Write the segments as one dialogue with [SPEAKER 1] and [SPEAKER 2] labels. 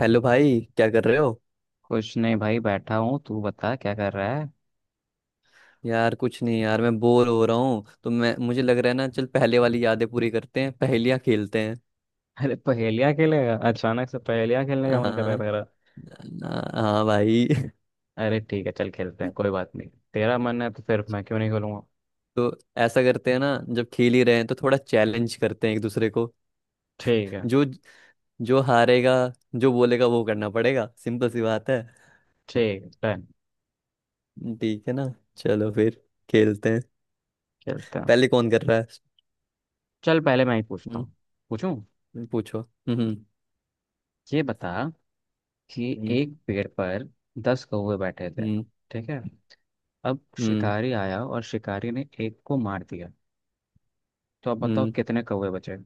[SPEAKER 1] Hello भाई, क्या कर रहे हो?
[SPEAKER 2] कुछ नहीं भाई बैठा हूँ। तू बता क्या कर रहा है।
[SPEAKER 1] यार कुछ नहीं, यार मैं बोर हो रहा हूँ, तो मैं मुझे लग रहा है ना, चल पहले वाली यादें पूरी करते हैं, पहेलियाँ खेलते हैं।
[SPEAKER 2] अरे पहेलियाँ खेलेगा? अचानक से पहेलियाँ खेलने का मन कर रहा है
[SPEAKER 1] हाँ।
[SPEAKER 2] तेरा?
[SPEAKER 1] हाँ भाई।
[SPEAKER 2] अरे ठीक है चल खेलते हैं, कोई बात नहीं। तेरा मन है तो फिर मैं क्यों नहीं खेलूंगा।
[SPEAKER 1] तो ऐसा करते हैं ना, जब खेल ही रहे हैं तो थोड़ा चैलेंज करते हैं एक दूसरे को।
[SPEAKER 2] ठीक है।
[SPEAKER 1] जो जो हारेगा, जो बोलेगा वो करना पड़ेगा, सिंपल सी बात है।
[SPEAKER 2] ठीक है, डन।
[SPEAKER 1] ठीक है ना? चलो फिर खेलते हैं।
[SPEAKER 2] खेलते हैं।
[SPEAKER 1] पहले कौन कर रहा है?
[SPEAKER 2] चल पहले मैं ही पूछता
[SPEAKER 1] हम्म,
[SPEAKER 2] हूँ। पूछूं?
[SPEAKER 1] पूछो। हम्म।
[SPEAKER 2] ये बता कि
[SPEAKER 1] हम्म।
[SPEAKER 2] एक पेड़ पर 10 कौवे बैठे थे,
[SPEAKER 1] हम्म।
[SPEAKER 2] ठीक है। अब
[SPEAKER 1] हम्म।
[SPEAKER 2] शिकारी आया और शिकारी ने एक को मार दिया, तो अब बताओ
[SPEAKER 1] हम्म।
[SPEAKER 2] कितने कौवे बचे।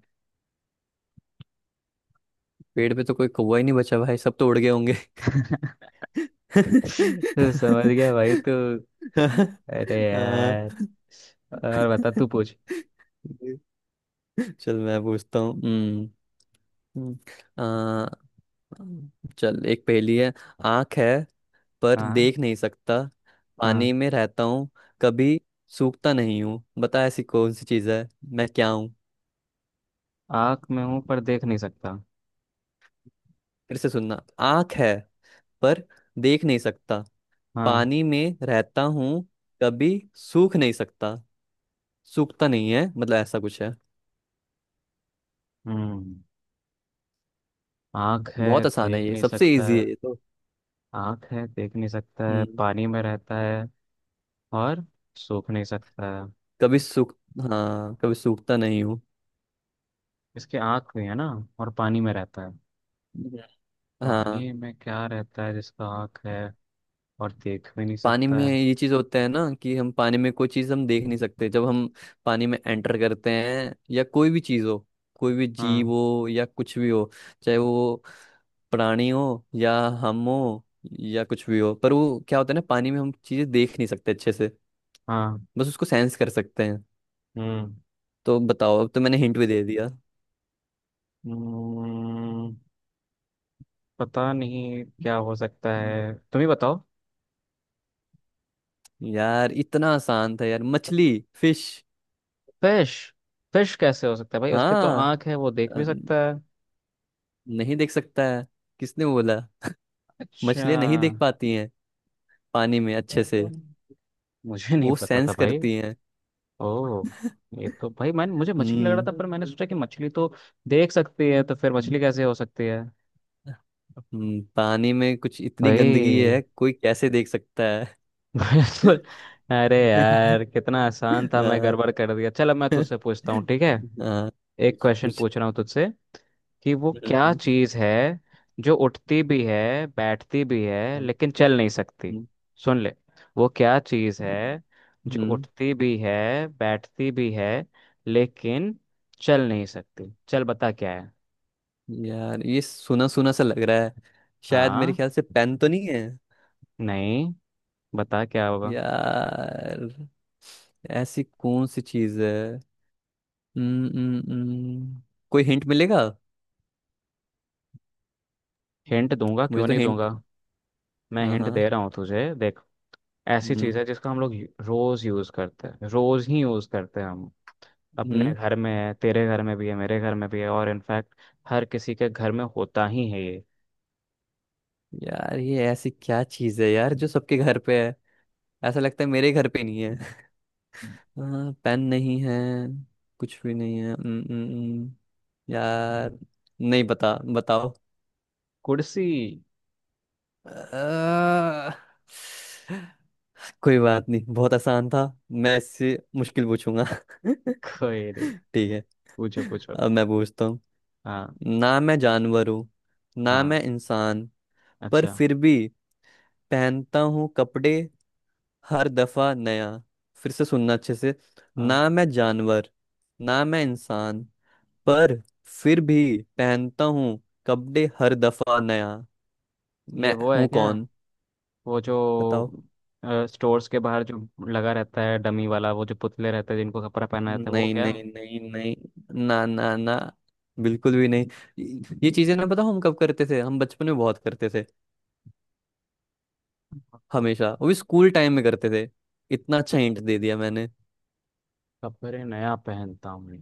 [SPEAKER 1] पेड़ पे तो कोई कौवा ही नहीं बचा भाई, सब तो उड़ गए होंगे। अ,
[SPEAKER 2] तो समझ गया भाई तू। अरे यार। और बता, तू पूछ।
[SPEAKER 1] चल मैं पूछता हूँ। हम्म, अ, चल, एक पहेली है। आंख है पर
[SPEAKER 2] हाँ
[SPEAKER 1] देख नहीं सकता,
[SPEAKER 2] हाँ।
[SPEAKER 1] पानी में रहता हूँ, कभी सूखता नहीं हूँ। बता ऐसी कौन सी चीज है, मैं क्या हूँ?
[SPEAKER 2] आँख में हूँ पर देख नहीं सकता।
[SPEAKER 1] फिर से सुनना। आंख है पर देख नहीं सकता,
[SPEAKER 2] हाँ।
[SPEAKER 1] पानी में रहता हूँ, कभी सूख नहीं सकता। सूखता नहीं है, मतलब ऐसा कुछ है।
[SPEAKER 2] हम्म। आँख है,
[SPEAKER 1] बहुत आसान है
[SPEAKER 2] देख
[SPEAKER 1] ये,
[SPEAKER 2] नहीं
[SPEAKER 1] सबसे
[SPEAKER 2] सकता
[SPEAKER 1] इजी
[SPEAKER 2] है।
[SPEAKER 1] है ये तो।
[SPEAKER 2] आँख है, देख नहीं सकता है,
[SPEAKER 1] हम्म।
[SPEAKER 2] पानी में रहता है और सूख नहीं सकता है।
[SPEAKER 1] कभी सूख, हाँ कभी सूखता नहीं हूँ।
[SPEAKER 2] इसके आँख भी है ना, और पानी में रहता है।
[SPEAKER 1] हम्म। हाँ,
[SPEAKER 2] पानी में क्या रहता है जिसका आँख है, और देख भी नहीं
[SPEAKER 1] पानी
[SPEAKER 2] सकता
[SPEAKER 1] में
[SPEAKER 2] है?
[SPEAKER 1] ये चीज होता है ना, कि हम पानी में कोई चीज हम देख नहीं सकते, जब हम पानी में एंटर करते हैं, या कोई भी चीज हो, कोई भी जीव
[SPEAKER 2] हाँ।
[SPEAKER 1] हो या कुछ भी हो, चाहे वो प्राणी हो या हम हो या कुछ भी हो, पर वो क्या होता है ना, पानी में हम चीजें देख नहीं सकते अच्छे से,
[SPEAKER 2] हाँ।
[SPEAKER 1] बस उसको सेंस कर सकते हैं।
[SPEAKER 2] हम्म।
[SPEAKER 1] तो बताओ, अब तो मैंने हिंट भी दे दिया।
[SPEAKER 2] हम्म, पता नहीं क्या हो सकता है, तुम ही बताओ।
[SPEAKER 1] यार इतना आसान था यार, मछली, फिश।
[SPEAKER 2] फिश। फिश कैसे हो सकता है भाई, उसके तो
[SPEAKER 1] हाँ।
[SPEAKER 2] आंख है, वो देख
[SPEAKER 1] अ,
[SPEAKER 2] भी सकता है।
[SPEAKER 1] नहीं देख सकता है, किसने बोला?
[SPEAKER 2] अच्छा।
[SPEAKER 1] मछलियां नहीं देख पाती हैं पानी में अच्छे से,
[SPEAKER 2] मुझे नहीं
[SPEAKER 1] वो
[SPEAKER 2] पता था
[SPEAKER 1] सेंस
[SPEAKER 2] भाई।
[SPEAKER 1] करती हैं।
[SPEAKER 2] ओ। ये तो भाई मैंने, मुझे मछली लग रहा
[SPEAKER 1] हम्म।
[SPEAKER 2] था, पर मैंने सोचा कि मछली तो देख सकती है, तो फिर
[SPEAKER 1] हम्म।
[SPEAKER 2] मछली कैसे हो सकती है।
[SPEAKER 1] पानी में कुछ इतनी गंदगी
[SPEAKER 2] भाई।
[SPEAKER 1] है, कोई कैसे देख सकता है?
[SPEAKER 2] बिल्कुल। अरे यार कितना आसान था, मैं
[SPEAKER 1] हाँ।
[SPEAKER 2] गड़बड़ कर दिया। चलो मैं तुझसे पूछता हूँ, ठीक है?
[SPEAKER 1] हाँ।
[SPEAKER 2] एक
[SPEAKER 1] कुछ
[SPEAKER 2] क्वेश्चन
[SPEAKER 1] कुछ।
[SPEAKER 2] पूछ रहा हूँ तुझसे, कि वो क्या
[SPEAKER 1] हम्म।
[SPEAKER 2] चीज है जो उठती भी है बैठती भी है
[SPEAKER 1] हम्म।
[SPEAKER 2] लेकिन चल नहीं सकती।
[SPEAKER 1] हम्म।
[SPEAKER 2] सुन ले। वो क्या चीज
[SPEAKER 1] हम्म।
[SPEAKER 2] है जो
[SPEAKER 1] हम्म,
[SPEAKER 2] उठती भी है, बैठती भी है, लेकिन चल नहीं सकती? चल बता क्या है।
[SPEAKER 1] यार ये सुना सुना सा लग रहा है, शायद मेरे
[SPEAKER 2] हाँ।
[SPEAKER 1] ख्याल से पेन तो नहीं है।
[SPEAKER 2] नहीं। बता क्या होगा।
[SPEAKER 1] यार ऐसी कौन सी चीज है? हम्म। हम्म। हम्म। कोई हिंट मिलेगा?
[SPEAKER 2] हिंट दूंगा,
[SPEAKER 1] मुझे
[SPEAKER 2] क्यों
[SPEAKER 1] तो
[SPEAKER 2] नहीं
[SPEAKER 1] हिंट।
[SPEAKER 2] दूंगा। मैं
[SPEAKER 1] हाँ
[SPEAKER 2] हिंट दे
[SPEAKER 1] हाँ।
[SPEAKER 2] रहा हूँ तुझे, देख। ऐसी
[SPEAKER 1] हम्म।
[SPEAKER 2] चीज है जिसका हम लोग रोज यूज करते हैं, रोज ही यूज करते हैं हम। अपने
[SPEAKER 1] हम्म।
[SPEAKER 2] घर में है, तेरे घर में भी है, मेरे घर में भी है, और इनफैक्ट हर किसी के घर में होता ही है ये।
[SPEAKER 1] यार ये ऐसी क्या चीज है यार, जो सबके घर पे है? ऐसा लगता है मेरे घर पे नहीं है। हाँ पेन नहीं है, कुछ भी नहीं है। हम्म। हम्म। हम्म। यार, नहीं बता, बताओ।
[SPEAKER 2] कुर्सी।
[SPEAKER 1] अ, कोई बात नहीं, बहुत आसान था, मैं इससे मुश्किल पूछूंगा।
[SPEAKER 2] कोई नहीं।
[SPEAKER 1] ठीक है।
[SPEAKER 2] पूछो पूछो।
[SPEAKER 1] अब मैं पूछता हूँ।
[SPEAKER 2] हाँ।
[SPEAKER 1] ना मैं जानवर हूँ, ना
[SPEAKER 2] हाँ।
[SPEAKER 1] मैं इंसान, पर
[SPEAKER 2] अच्छा।
[SPEAKER 1] फिर भी पहनता हूँ कपड़े हर दफा नया। फिर से सुनना अच्छे से।
[SPEAKER 2] हाँ।
[SPEAKER 1] ना मैं जानवर, ना मैं इंसान, पर फिर भी पहनता हूँ कपड़े हर दफा नया।
[SPEAKER 2] ये
[SPEAKER 1] मैं
[SPEAKER 2] वो है
[SPEAKER 1] हूँ
[SPEAKER 2] क्या,
[SPEAKER 1] कौन?
[SPEAKER 2] वो जो
[SPEAKER 1] बताओ।
[SPEAKER 2] स्टोर्स के बाहर जो लगा रहता है, डमी वाला, वो जो पुतले रहते हैं जिनको कपड़ा पहना रहता है, वो
[SPEAKER 1] नहीं
[SPEAKER 2] क्या?
[SPEAKER 1] नहीं नहीं नहीं, ना ना ना, बिल्कुल भी नहीं। ये चीजें ना, बताओ हम कब करते थे, हम बचपन में बहुत करते थे,
[SPEAKER 2] कप-
[SPEAKER 1] हमेशा वो भी स्कूल टाइम में करते थे। इतना अच्छा हिंट दे दिया मैंने।
[SPEAKER 2] कपड़े नया पहनता हूँ।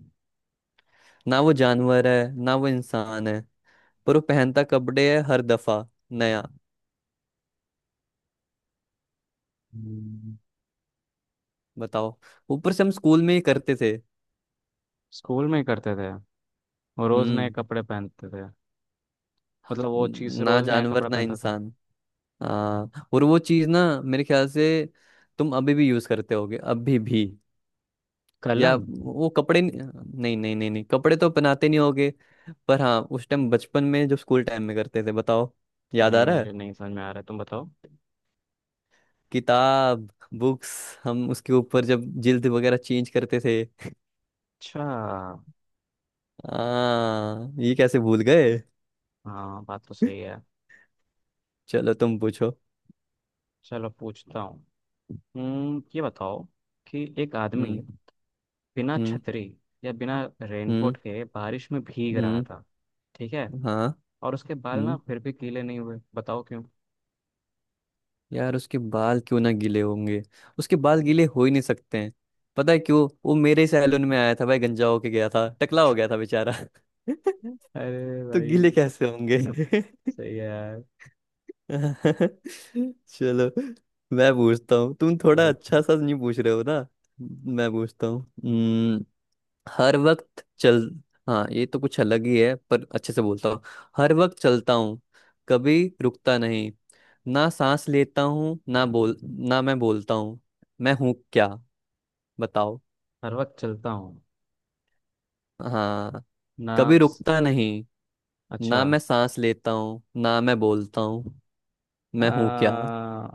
[SPEAKER 1] ना वो जानवर है, ना वो इंसान है, पर वो पहनता कपड़े है हर दफा नया।
[SPEAKER 2] हम्म,
[SPEAKER 1] बताओ। ऊपर से हम स्कूल में ही करते थे।
[SPEAKER 2] स्कूल में ही करते थे। वो रोज नए
[SPEAKER 1] हम्म।
[SPEAKER 2] कपड़े पहनते थे, मतलब वो चीज
[SPEAKER 1] ना
[SPEAKER 2] रोज नया
[SPEAKER 1] जानवर
[SPEAKER 2] कपड़ा
[SPEAKER 1] ना
[SPEAKER 2] पहनता था।
[SPEAKER 1] इंसान। हाँ, और वो चीज ना मेरे ख्याल से तुम अभी भी यूज करते होगे, अभी भी। या
[SPEAKER 2] कलम।
[SPEAKER 1] वो कपड़े नहीं? नहीं नहीं नहीं, नहीं कपड़े तो पहनाते नहीं होगे, पर हाँ उस टाइम बचपन में जब स्कूल टाइम में करते थे। बताओ, याद आ
[SPEAKER 2] नहीं
[SPEAKER 1] रहा है?
[SPEAKER 2] मुझे नहीं समझ में आ रहा है, तुम बताओ।
[SPEAKER 1] किताब, बुक्स। हम उसके ऊपर जब जिल्द वगैरह चेंज करते थे।
[SPEAKER 2] अच्छा।
[SPEAKER 1] हाँ, ये कैसे भूल गए।
[SPEAKER 2] हाँ, बात तो सही है।
[SPEAKER 1] चलो तुम पूछो।
[SPEAKER 2] चलो पूछता हूँ। हम्म। ये बताओ कि एक आदमी
[SPEAKER 1] हम्म।
[SPEAKER 2] बिना
[SPEAKER 1] हम्म।
[SPEAKER 2] छतरी या बिना
[SPEAKER 1] हम्म।
[SPEAKER 2] रेनकोट के बारिश में भीग रहा
[SPEAKER 1] हम्म।
[SPEAKER 2] था, ठीक है।
[SPEAKER 1] हाँ।
[SPEAKER 2] और उसके बाल ना
[SPEAKER 1] हम्म
[SPEAKER 2] फिर भी गीले नहीं हुए, बताओ क्यों।
[SPEAKER 1] यार उसके बाल क्यों ना गीले होंगे, उसके बाल गीले हो ही नहीं सकते हैं। पता है क्यों, वो मेरे ही सैलून में आया था भाई, गंजा होके गया था, टकला हो गया था बेचारा।
[SPEAKER 2] अरे
[SPEAKER 1] तो गीले
[SPEAKER 2] भाई।
[SPEAKER 1] कैसे होंगे?
[SPEAKER 2] सही है यार।
[SPEAKER 1] चलो मैं पूछता हूँ, तुम थोड़ा
[SPEAKER 2] पूछो पूछो।
[SPEAKER 1] अच्छा सा नहीं पूछ रहे हो ना। मैं पूछता हूँ। हर वक्त चल, हाँ ये तो कुछ अलग ही है, पर अच्छे से बोलता हूँ। हर वक्त चलता हूँ, कभी रुकता नहीं, ना सांस लेता हूँ, ना बोल, ना मैं बोलता हूँ। मैं हूँ क्या? बताओ।
[SPEAKER 2] हर वक्त चलता हूँ
[SPEAKER 1] हाँ,
[SPEAKER 2] ना।
[SPEAKER 1] कभी रुकता नहीं,
[SPEAKER 2] अच्छा।
[SPEAKER 1] ना मैं सांस लेता हूँ, ना मैं बोलता हूँ, मैं हूँ क्या?
[SPEAKER 2] आ,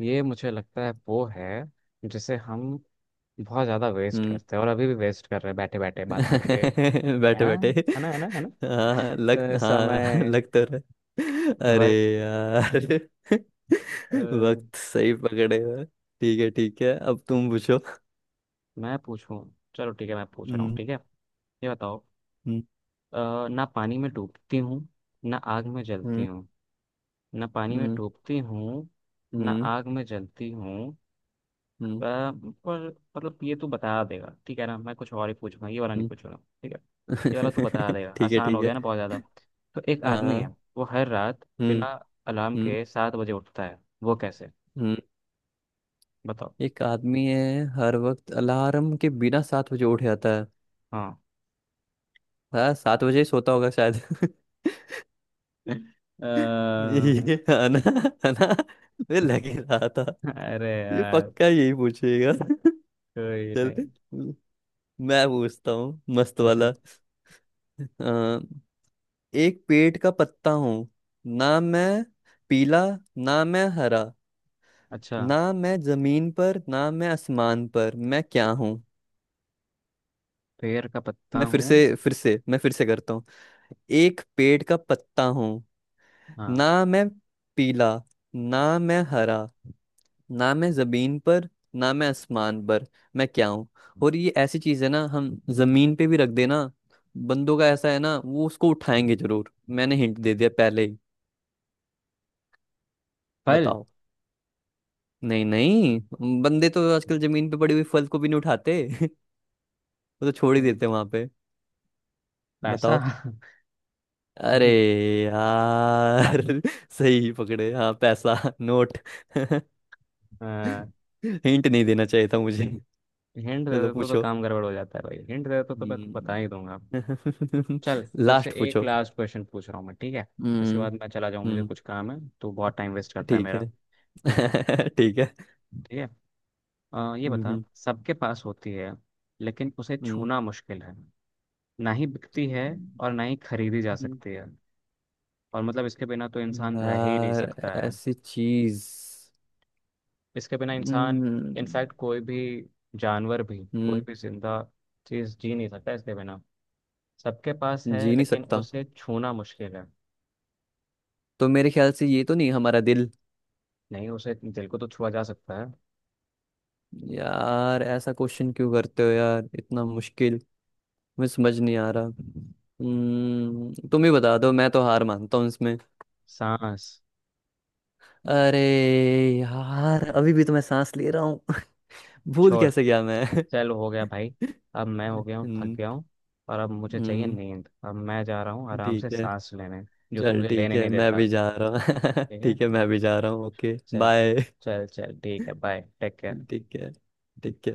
[SPEAKER 2] ये मुझे लगता है वो है जिसे हम बहुत ज्यादा वेस्ट
[SPEAKER 1] हम्म।
[SPEAKER 2] करते हैं, और अभी भी वेस्ट कर रहे हैं बैठे बैठे बात करके। है
[SPEAKER 1] बैठे
[SPEAKER 2] ना?
[SPEAKER 1] बैठे।
[SPEAKER 2] है ना है ना है ना,
[SPEAKER 1] हाँ
[SPEAKER 2] समय।
[SPEAKER 1] लग तो रहा, अरे
[SPEAKER 2] वक्त।
[SPEAKER 1] यार।
[SPEAKER 2] अ,
[SPEAKER 1] वक्त, सही पकड़े हो। ठीक है ठीक है, अब तुम पूछो।
[SPEAKER 2] मैं पूछूं? चलो ठीक है, मैं पूछ रहा हूँ,
[SPEAKER 1] हम्म।
[SPEAKER 2] ठीक है। ये बताओ।
[SPEAKER 1] हम्म।
[SPEAKER 2] ना पानी में डूबती हूँ, ना आग में जलती
[SPEAKER 1] हम्म।
[SPEAKER 2] हूँ। ना पानी में
[SPEAKER 1] हम्म।
[SPEAKER 2] डूबती हूँ, ना
[SPEAKER 1] हम्म।
[SPEAKER 2] आग में जलती हूँ।
[SPEAKER 1] हम्म।
[SPEAKER 2] पर मतलब ये तू बता देगा, ठीक है ना? मैं कुछ और ही पूछूंगा, ये वाला नहीं
[SPEAKER 1] हम्म।
[SPEAKER 2] पूछूंगा। ठीक है। ये वाला तू बता देगा,
[SPEAKER 1] ठीक है
[SPEAKER 2] आसान हो
[SPEAKER 1] ठीक है।
[SPEAKER 2] गया ना बहुत ज्यादा। तो एक आदमी है,
[SPEAKER 1] हाँ।
[SPEAKER 2] वो हर रात
[SPEAKER 1] हम्म।
[SPEAKER 2] बिना अलार्म
[SPEAKER 1] हम्म।
[SPEAKER 2] के 7 बजे उठता है, वो कैसे?
[SPEAKER 1] हम्म।
[SPEAKER 2] बताओ।
[SPEAKER 1] एक आदमी है, हर वक्त अलार्म के बिना सात बजे उठ जाता है।
[SPEAKER 2] हाँ।
[SPEAKER 1] हाँ, सात बजे ही सोता होगा शायद।
[SPEAKER 2] अ,
[SPEAKER 1] ये है ना, है ना, मुझे लग ही रहा था
[SPEAKER 2] अरे
[SPEAKER 1] ये
[SPEAKER 2] यार।
[SPEAKER 1] पक्का यही पूछेगा।
[SPEAKER 2] कोई
[SPEAKER 1] चल
[SPEAKER 2] नहीं।
[SPEAKER 1] मैं पूछता हूँ, मस्त
[SPEAKER 2] पूछो।
[SPEAKER 1] वाला। अ, एक पेड़ का पत्ता हूँ, ना मैं पीला ना मैं हरा,
[SPEAKER 2] अच्छा।
[SPEAKER 1] ना मैं जमीन पर ना मैं आसमान पर, मैं क्या हूँ?
[SPEAKER 2] पेड़ का पत्ता
[SPEAKER 1] मैं फिर
[SPEAKER 2] हूँ।
[SPEAKER 1] से फिर से मैं फिर से करता हूँ। एक पेड़ का पत्ता हूँ,
[SPEAKER 2] हाँ।
[SPEAKER 1] ना मैं पीला ना मैं हरा, ना मैं जमीन पर ना मैं आसमान पर, मैं क्या हूँ? और ये ऐसी चीज है ना, हम जमीन पे भी रख देना, बंदों का ऐसा है ना, वो उसको उठाएंगे जरूर। मैंने हिंट दे दिया पहले ही।
[SPEAKER 2] फल।
[SPEAKER 1] बताओ। नहीं नहीं, बंदे तो आजकल जमीन पे पड़ी हुई फल को भी नहीं उठाते। वो तो छोड़ ही
[SPEAKER 2] तो
[SPEAKER 1] देते वहां पे।
[SPEAKER 2] पैसा।
[SPEAKER 1] बताओ। अरे यार। सही पकड़े, हाँ पैसा, नोट। हिंट नहीं देना चाहिए था मुझे।
[SPEAKER 2] हिंट दे
[SPEAKER 1] चलो
[SPEAKER 2] देते तो
[SPEAKER 1] पूछो।
[SPEAKER 2] काम गड़बड़ हो जाता है भाई, हिंट दे देते तो मैं तो बता ही दूंगा।
[SPEAKER 1] हम्म।
[SPEAKER 2] चल, तो इससे
[SPEAKER 1] लास्ट
[SPEAKER 2] एक
[SPEAKER 1] पूछो।
[SPEAKER 2] लास्ट क्वेश्चन पूछ रहा हूँ मैं, ठीक है? इसके
[SPEAKER 1] हम्म।
[SPEAKER 2] बाद मैं चला जाऊँ, मुझे
[SPEAKER 1] हम्म।
[SPEAKER 2] कुछ काम है, तो बहुत टाइम वेस्ट करता है
[SPEAKER 1] ठीक
[SPEAKER 2] मेरा। ठीक है।
[SPEAKER 1] है। ठीक है।
[SPEAKER 2] ठीक है। ये बता,
[SPEAKER 1] हम्म।
[SPEAKER 2] सबके पास होती है लेकिन उसे
[SPEAKER 1] हम्म।
[SPEAKER 2] छूना मुश्किल है, ना ही बिकती है और ना ही खरीदी जा
[SPEAKER 1] हम्म।
[SPEAKER 2] सकती है। और मतलब इसके बिना तो इंसान रह ही नहीं
[SPEAKER 1] यार
[SPEAKER 2] सकता है।
[SPEAKER 1] ऐसी चीज।
[SPEAKER 2] इसके बिना इंसान,
[SPEAKER 1] हम्म
[SPEAKER 2] इनफैक्ट कोई भी जानवर भी, कोई
[SPEAKER 1] हम्म,
[SPEAKER 2] भी जिंदा चीज जी नहीं सकता इसके बिना। सबके पास है
[SPEAKER 1] जी नहीं
[SPEAKER 2] लेकिन
[SPEAKER 1] सकता,
[SPEAKER 2] उसे छूना मुश्किल है।
[SPEAKER 1] तो मेरे ख्याल से ये तो नहीं, हमारा दिल?
[SPEAKER 2] नहीं उसे, दिल को तो छुआ जा सकता है।
[SPEAKER 1] यार ऐसा क्वेश्चन क्यों करते हो यार, इतना मुश्किल, मुझे समझ नहीं आ रहा। तुम ही बता दो, मैं तो हार मानता हूँ इसमें।
[SPEAKER 2] सांस।
[SPEAKER 1] अरे यार, अभी भी तो मैं सांस ले रहा हूँ। भूल
[SPEAKER 2] छोड़।
[SPEAKER 1] कैसे गया मैं।
[SPEAKER 2] चल हो गया भाई। अब मैं हो गया हूँ, थक
[SPEAKER 1] हम्म।
[SPEAKER 2] गया हूँ। और अब मुझे चाहिए
[SPEAKER 1] हम्म।
[SPEAKER 2] नींद, अब मैं जा रहा हूँ आराम से
[SPEAKER 1] ठीक है।
[SPEAKER 2] सांस लेने। जो तू
[SPEAKER 1] चल
[SPEAKER 2] मुझे
[SPEAKER 1] ठीक
[SPEAKER 2] लेने
[SPEAKER 1] है,
[SPEAKER 2] नहीं
[SPEAKER 1] मैं
[SPEAKER 2] देता।
[SPEAKER 1] भी जा रहा हूँ।
[SPEAKER 2] ठीक है।
[SPEAKER 1] ठीक है मैं भी जा रहा हूँ, ओके
[SPEAKER 2] चल।
[SPEAKER 1] बाय।
[SPEAKER 2] चल चल ठीक है, बाय टेक केयर।
[SPEAKER 1] ठीक है ठीक है।